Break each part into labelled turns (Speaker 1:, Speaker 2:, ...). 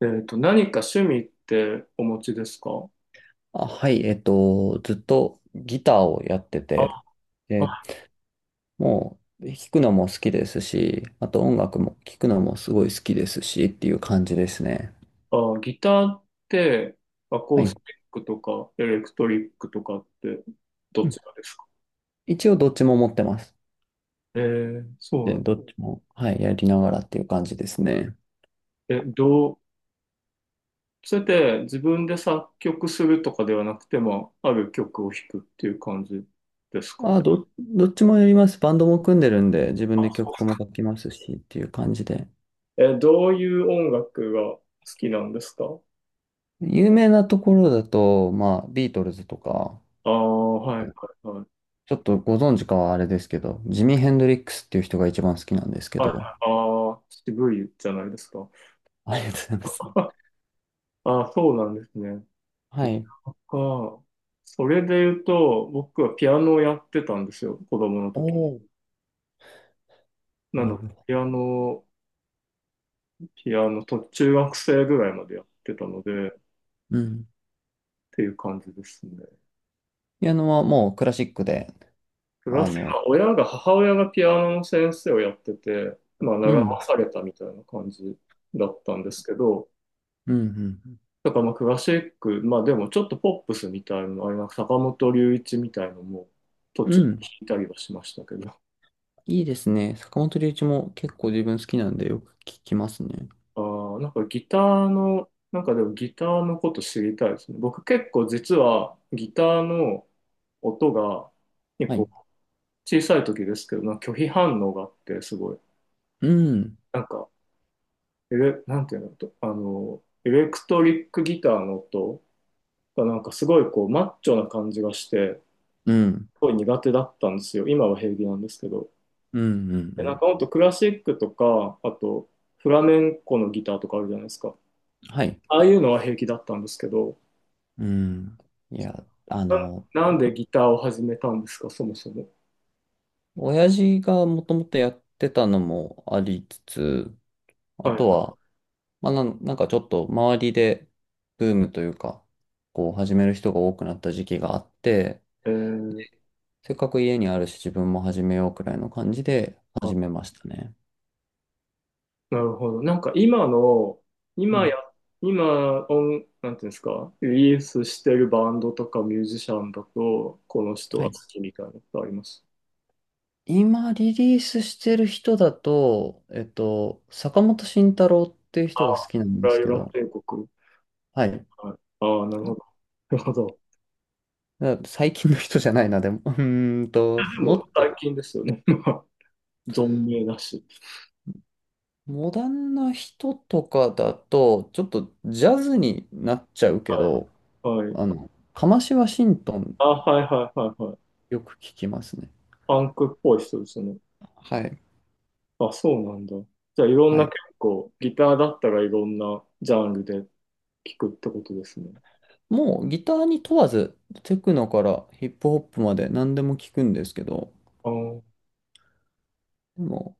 Speaker 1: 何か趣味ってお持ちですか？
Speaker 2: あ、はい、ずっとギターをやって
Speaker 1: あ
Speaker 2: て、で、
Speaker 1: は
Speaker 2: もう弾くのも好きですし、あと音楽も聴くのもすごい好きですしっていう感じですね。
Speaker 1: あ、ギターって、アコ
Speaker 2: は
Speaker 1: ース
Speaker 2: い。
Speaker 1: ティックとかエレクトリックとかってど
Speaker 2: うん。
Speaker 1: ちらですか？
Speaker 2: 一応どっちも持ってます。
Speaker 1: そう
Speaker 2: で、
Speaker 1: なん、
Speaker 2: どっちも、はい、やりながらっていう感じですね。
Speaker 1: え、どう、それで自分で作曲するとかではなくても、ある曲を弾くっていう感じですか？
Speaker 2: あ、どっちもやります。バンドも組んでるんで、自分で曲も書きますしっていう感じで。
Speaker 1: え、どういう音楽が好きなんですか？
Speaker 2: 有名なところだと、まあ、ビートルズとか、
Speaker 1: ああ、はいはい。はい。
Speaker 2: ちょっとご存知かはあれですけど、ジミー・ヘンドリックスっていう人が一番好きなんですけ
Speaker 1: あ
Speaker 2: ど。
Speaker 1: あー、渋いじゃないですか。
Speaker 2: ありがとうございます。
Speaker 1: ああ、そうなんですね。
Speaker 2: はい。
Speaker 1: ああ、それで言うと、僕はピアノをやってたんですよ、子供の
Speaker 2: お
Speaker 1: 時。
Speaker 2: お、
Speaker 1: な
Speaker 2: なる
Speaker 1: ので、
Speaker 2: ほど。
Speaker 1: ピアノと中学生ぐらいまでやってたので、っ
Speaker 2: うん。
Speaker 1: ていう感じですね。
Speaker 2: ピアノはもうクラシックで、
Speaker 1: プラ
Speaker 2: あ
Speaker 1: ス、
Speaker 2: の、
Speaker 1: まあ親が、母親がピアノの先生をやってて、まあ、
Speaker 2: う
Speaker 1: 習わ
Speaker 2: ん、
Speaker 1: されたみたいな感じだったんですけど、
Speaker 2: うん、
Speaker 1: だからまあクラシック、まあでもちょっとポップスみたいなの、あれなんか坂本龍一みたいのも途
Speaker 2: う
Speaker 1: 中
Speaker 2: ん。
Speaker 1: で
Speaker 2: う
Speaker 1: 弾
Speaker 2: ん、
Speaker 1: いたりはしましたけど、
Speaker 2: いいですね。坂本龍一も結構自分好きなんでよく聞きますね。
Speaker 1: あーなんかギターの、なんかでもギターのこと知りたいですね。僕結構実はギターの音が結
Speaker 2: はい。
Speaker 1: 構小さい時ですけど、なんか拒否反応があってすごい、
Speaker 2: うん、
Speaker 1: なんか、エレ、なんていうのと、エレクトリックギターの音がなんかすごいこうマッチョな感じがして、
Speaker 2: うん、
Speaker 1: すごい苦手だったんですよ。今は平気なんですけど。
Speaker 2: うん、うん、う
Speaker 1: で、なん
Speaker 2: ん。
Speaker 1: かほんとクラシックとか、あとフラメンコのギターとかあるじゃないですか。
Speaker 2: はい。
Speaker 1: ああいうのは平気だったんですけど、
Speaker 2: うん。いや、
Speaker 1: な、なんでギターを始めたんですか、そもそも。
Speaker 2: 親父がもともとやってたのもありつつ、あと
Speaker 1: は
Speaker 2: は、まあ、なんかちょっと周りでブームというか、こう始める人が多くなった時期があって、
Speaker 1: い。えー、
Speaker 2: せっかく家にあるし自分も始めようくらいの感じで
Speaker 1: あ、
Speaker 2: 始めましたね。
Speaker 1: なるほど。なんか今の、
Speaker 2: う
Speaker 1: 今や、
Speaker 2: ん。
Speaker 1: 今音、なんていうんですか、リリースしてるバンドとかミュージシャンだと、この人
Speaker 2: は
Speaker 1: が好
Speaker 2: い。
Speaker 1: きみたいなことあります？
Speaker 2: 今リリースしてる人だと、坂本慎太郎っていう
Speaker 1: あ
Speaker 2: 人が好
Speaker 1: あ、
Speaker 2: きなん
Speaker 1: プ
Speaker 2: です
Speaker 1: ライ
Speaker 2: け
Speaker 1: バ
Speaker 2: ど、
Speaker 1: 帝国。
Speaker 2: はい。
Speaker 1: はい。ああ、なるほど。なるほど。
Speaker 2: 最近の人じゃないな、でも。
Speaker 1: で
Speaker 2: も
Speaker 1: も
Speaker 2: っ
Speaker 1: 最
Speaker 2: と、
Speaker 1: 近ですよね。まあ存命だし。
Speaker 2: モダンな人とかだと、ちょっとジャズになっちゃうけど、
Speaker 1: はい。
Speaker 2: カシワシントン
Speaker 1: あ、はいはいはいはい。
Speaker 2: よく聞きますね。
Speaker 1: パンクっぽい人ですね。
Speaker 2: はい。
Speaker 1: あ、そうなんだ。じゃあ、いろん
Speaker 2: は
Speaker 1: な
Speaker 2: い。
Speaker 1: 結構、ギターだったらいろんなジャンルで聴くってことですね。
Speaker 2: もうギターに問わず、テクノからヒップホップまで何でも聞くんですけど、
Speaker 1: あー、
Speaker 2: でも、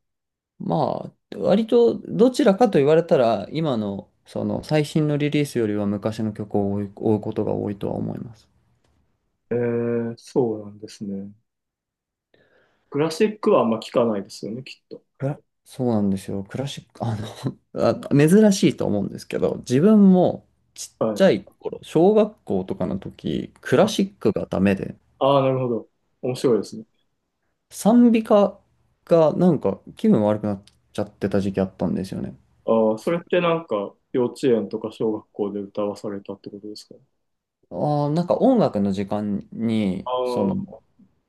Speaker 2: まあ、割とどちらかと言われたら、今のその最新のリリースよりは昔の曲を追うことが多いとは思います。
Speaker 1: えー、そうなんですね。クラシックはあんま聞かないですよね、きっと。
Speaker 2: クラそうなんですよ。クラシック、あ、珍しいと思うんですけど、自分もちっ
Speaker 1: は
Speaker 2: ちゃ
Speaker 1: い。
Speaker 2: い頃、小学校とかの時、クラ
Speaker 1: あ
Speaker 2: シックがダメで、
Speaker 1: あー、なるほど。面白いですね。
Speaker 2: 賛美歌がなんか気分悪くなっちゃってた時期あったんですよね。
Speaker 1: ああ、それってなんか、幼稚園とか小学校で歌わされたってことですか？
Speaker 2: ああ、なんか音楽の時間に、
Speaker 1: あ
Speaker 2: そ
Speaker 1: あ
Speaker 2: の、
Speaker 1: ー、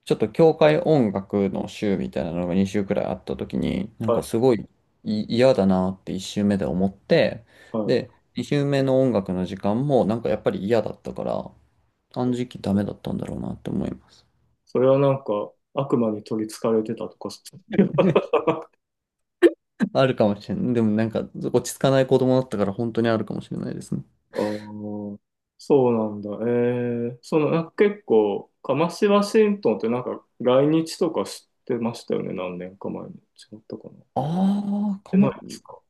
Speaker 2: ちょっと教会音楽の週みたいなのが2週くらいあった時に、なんか
Speaker 1: は
Speaker 2: すごい嫌だなって1週目で思って、
Speaker 1: い、はい。
Speaker 2: で、2週目の音楽の時間もなんかやっぱり嫌だったから、あの時期ダメだったんだろうなって思います。
Speaker 1: それはなんか、悪魔に取り憑かれてたとか、そう、
Speaker 2: あるかもしれない。でもなんか落ち着かない子供だったから本当にあるかもしれないですね。
Speaker 1: ああそうなんだ。ええその、なんか結構、カマシワシントンってなんか来日とかしてましたよね、何年か前に。違ったかな。し
Speaker 2: ああ、か
Speaker 1: てない
Speaker 2: も
Speaker 1: ですか？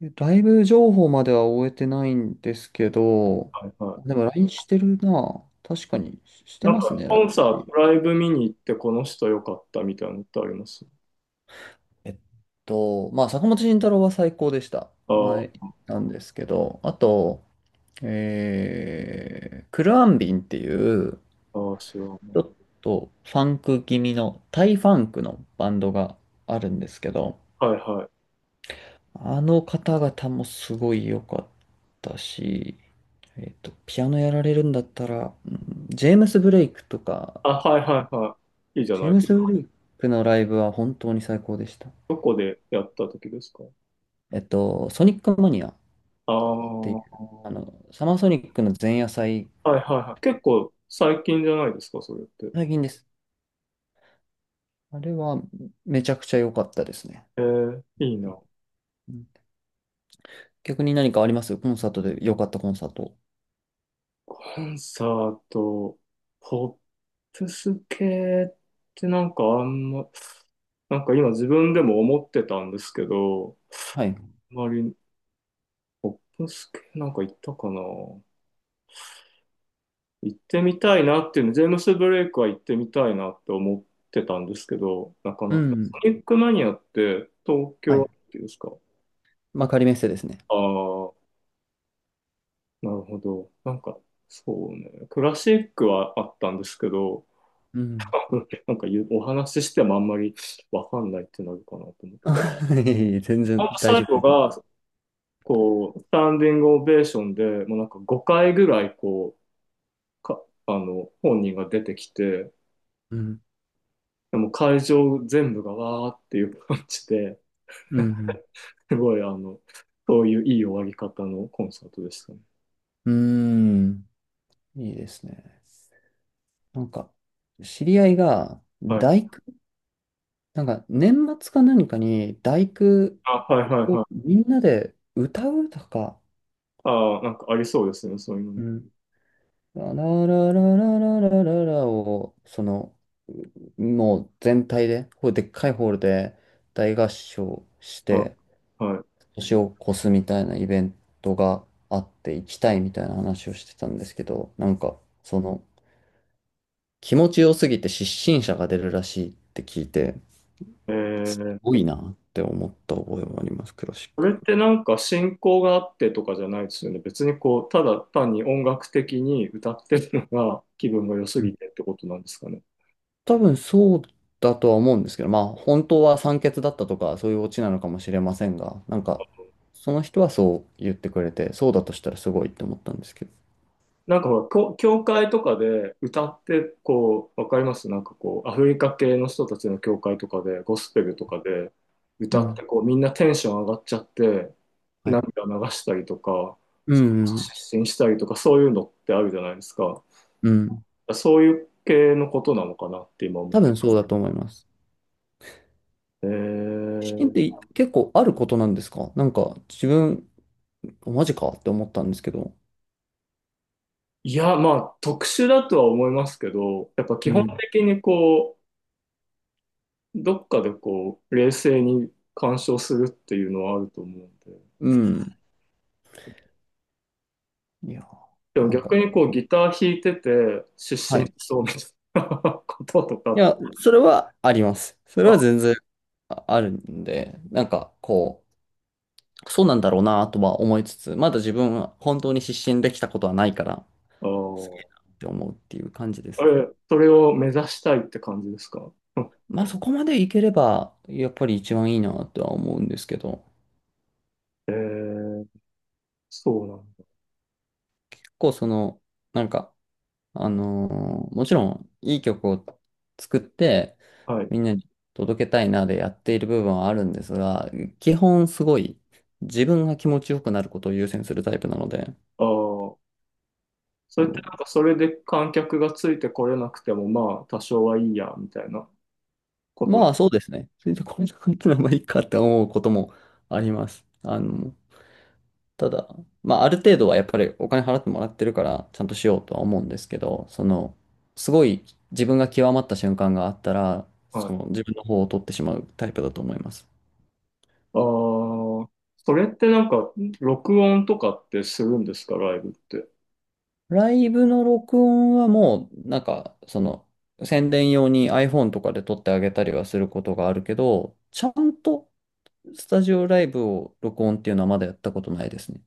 Speaker 2: ライブ情報までは終えてないんですけど、
Speaker 1: はいは
Speaker 2: で
Speaker 1: い。
Speaker 2: も LINE してるな。確かにして
Speaker 1: なん
Speaker 2: ます
Speaker 1: か
Speaker 2: ね、
Speaker 1: コンサー
Speaker 2: LINE。
Speaker 1: ト、ライブ見に行ってこの人良かったみたいなのってあります？
Speaker 2: えっまあ、坂本慎太郎は最高でした。前
Speaker 1: あ
Speaker 2: なんですけど、あと、クルアンビンっていう、
Speaker 1: あああ知らな
Speaker 2: ちょ
Speaker 1: い。
Speaker 2: っとファンク気味の、タイファンクのバンドがあるんですけど、
Speaker 1: はいはい。
Speaker 2: あの方々もすごい良かったし、ピアノやられるんだったら、うん。ジェームス・ブレイクとか、
Speaker 1: あ、はいはいはい。いいじゃ
Speaker 2: ジ
Speaker 1: な
Speaker 2: ェ
Speaker 1: い
Speaker 2: ー
Speaker 1: で
Speaker 2: ム
Speaker 1: す
Speaker 2: ス・ブ
Speaker 1: か。
Speaker 2: レイクのライブは本当に最高でした。
Speaker 1: どこでやった時ですか？
Speaker 2: ソニックマニアっ
Speaker 1: ああ、
Speaker 2: ていう、
Speaker 1: は
Speaker 2: サマーソニックの前夜祭、
Speaker 1: いはいはい。結構最近じゃないですか、それって。
Speaker 2: 最近です。あれはめちゃくちゃ良かったですね。
Speaker 1: ええいいな。
Speaker 2: うん。逆に何かありますコンサートで良かったコンサート？
Speaker 1: コンサート、ポップス系ってなんかあんま、なんか今自分でも思ってたんですけど、
Speaker 2: はい。
Speaker 1: あまりポップス系なんか行ったかな、行ってみたいなっていうの、ジェームス・ブレイクは行ってみたいなって思ってたんですけど、なか
Speaker 2: う
Speaker 1: なか。
Speaker 2: ん。
Speaker 1: ソニックマニアって東
Speaker 2: はい。
Speaker 1: 京ですか？
Speaker 2: まあ、仮メッセですね。
Speaker 1: ああー、なるほど。なんか、そうね。クラシックはあったんですけど、
Speaker 2: うん。
Speaker 1: なんか言うお話ししてもあんまりわかんないってなるかなと思って。
Speaker 2: 全
Speaker 1: ほ
Speaker 2: 然
Speaker 1: んと
Speaker 2: 大
Speaker 1: 最
Speaker 2: 丈夫で
Speaker 1: 後が、
Speaker 2: す。
Speaker 1: こう、スタンディングオベーションで、もうなんか5回ぐらい、こう、か、本人が出てきて、
Speaker 2: うん
Speaker 1: でも会場全部がわーっていう感じで、
Speaker 2: うん
Speaker 1: すごい、あの、そういういい終わり方のコンサートでしたね。
Speaker 2: うん。うーん。いいですね。なんか、知り合いが、
Speaker 1: はい。
Speaker 2: 大工、なんか、年末か何かに、大工
Speaker 1: あ、はいはい
Speaker 2: を
Speaker 1: はい。
Speaker 2: みんなで歌うとか、
Speaker 1: ああ、なんかありそうですね、そういうの
Speaker 2: う
Speaker 1: も。
Speaker 2: ん。ラララララララララを、その、もう全体で、こうでっかいホールで大合唱し
Speaker 1: は
Speaker 2: て、
Speaker 1: い。は
Speaker 2: 年を越すみたいなイベントがあって、行きたいみたいな話をしてたんですけど、なんか、その、気持ちよすぎて失神者が出るらしいって聞いて、
Speaker 1: い。え
Speaker 2: す
Speaker 1: ー、
Speaker 2: ごいなって思った覚えもあります、クラシッ
Speaker 1: これっ
Speaker 2: ク。
Speaker 1: てなんか進行があってとかじゃないですよね。別にこう、ただ単に音楽的に歌ってるのが 気分が良す
Speaker 2: うん。
Speaker 1: ぎてってことなんですかね。
Speaker 2: 多分そうだとは思うんですけど、まあ本当は酸欠だったとかそういうオチなのかもしれませんが、なんかその人はそう言ってくれて、そうだとしたらすごいって思ったんですけど。
Speaker 1: なんかほら、教教会とかで歌って、こう、わかりますなんかこう、アフリカ系の人たちの教会とかで、ゴスペルとかで
Speaker 2: う
Speaker 1: 歌って、
Speaker 2: ん。
Speaker 1: こう、みんなテンション上がっちゃって、
Speaker 2: はい。
Speaker 1: 涙流したりとか、
Speaker 2: うんうん
Speaker 1: 失神したりとか、そういうのってあるじゃないですか。
Speaker 2: うん。
Speaker 1: そういう系のことなのかなって今思っ
Speaker 2: 多
Speaker 1: て。
Speaker 2: 分そうだと思います。
Speaker 1: え
Speaker 2: 失神っ
Speaker 1: ー、
Speaker 2: て結構あることなんですか？なんか自分、マジかって思ったんですけど。
Speaker 1: いや、まあ、特殊だとは思いますけど、やっぱ
Speaker 2: う
Speaker 1: 基本
Speaker 2: ん。
Speaker 1: 的にこう、どっかでこう、冷静に鑑賞するっていうのはあると思うんで。
Speaker 2: うん。いや、
Speaker 1: でも
Speaker 2: なんか、
Speaker 1: 逆にこう、ギター弾いてて、失
Speaker 2: は
Speaker 1: 神し
Speaker 2: い。
Speaker 1: そうみたいな ことと
Speaker 2: い
Speaker 1: か、
Speaker 2: や、それはあります。そ
Speaker 1: あ、
Speaker 2: れ
Speaker 1: あ
Speaker 2: は全然あるんで、なんかこう、そうなんだろうなとは思いつつ、まだ自分は本当に失神できたことはないから、すげえ
Speaker 1: ー、
Speaker 2: なって思うっていう感じで
Speaker 1: え、
Speaker 2: すね。
Speaker 1: それを目指したいって感じですか？
Speaker 2: まあそこまでいければ、やっぱり一番いいなとは思うんですけど、
Speaker 1: えー、そうなん
Speaker 2: 結構その、なんか、あのもちろんいい曲を作って
Speaker 1: だ。はい。
Speaker 2: みんなに届けたいなでやっている部分はあるんですが、基本すごい自分が気持ちよくなることを優先するタイプなので、
Speaker 1: ああ、
Speaker 2: そ
Speaker 1: それってなん
Speaker 2: の
Speaker 1: かそれで観客がついてこれなくても、まあ、多少はいいや、みたいなこと。
Speaker 2: まあそうですね。それでこんな感じならばいいかって思うこともあります。ただ、まあある程度はやっぱりお金払ってもらってるからちゃんとしようとは思うんですけど、その、すごい自分が極まった瞬間があったら、
Speaker 1: は
Speaker 2: そ
Speaker 1: い。
Speaker 2: の自分の方を取ってしまうタイプだと思います。
Speaker 1: ああ、それってなんか、録音とかってするんですか、ライブって。
Speaker 2: ライブの録音はもう、なんか、その、宣伝用に iPhone とかで撮ってあげたりはすることがあるけど、ちゃんとスタジオライブを録音っていうのはまだやったことないですね。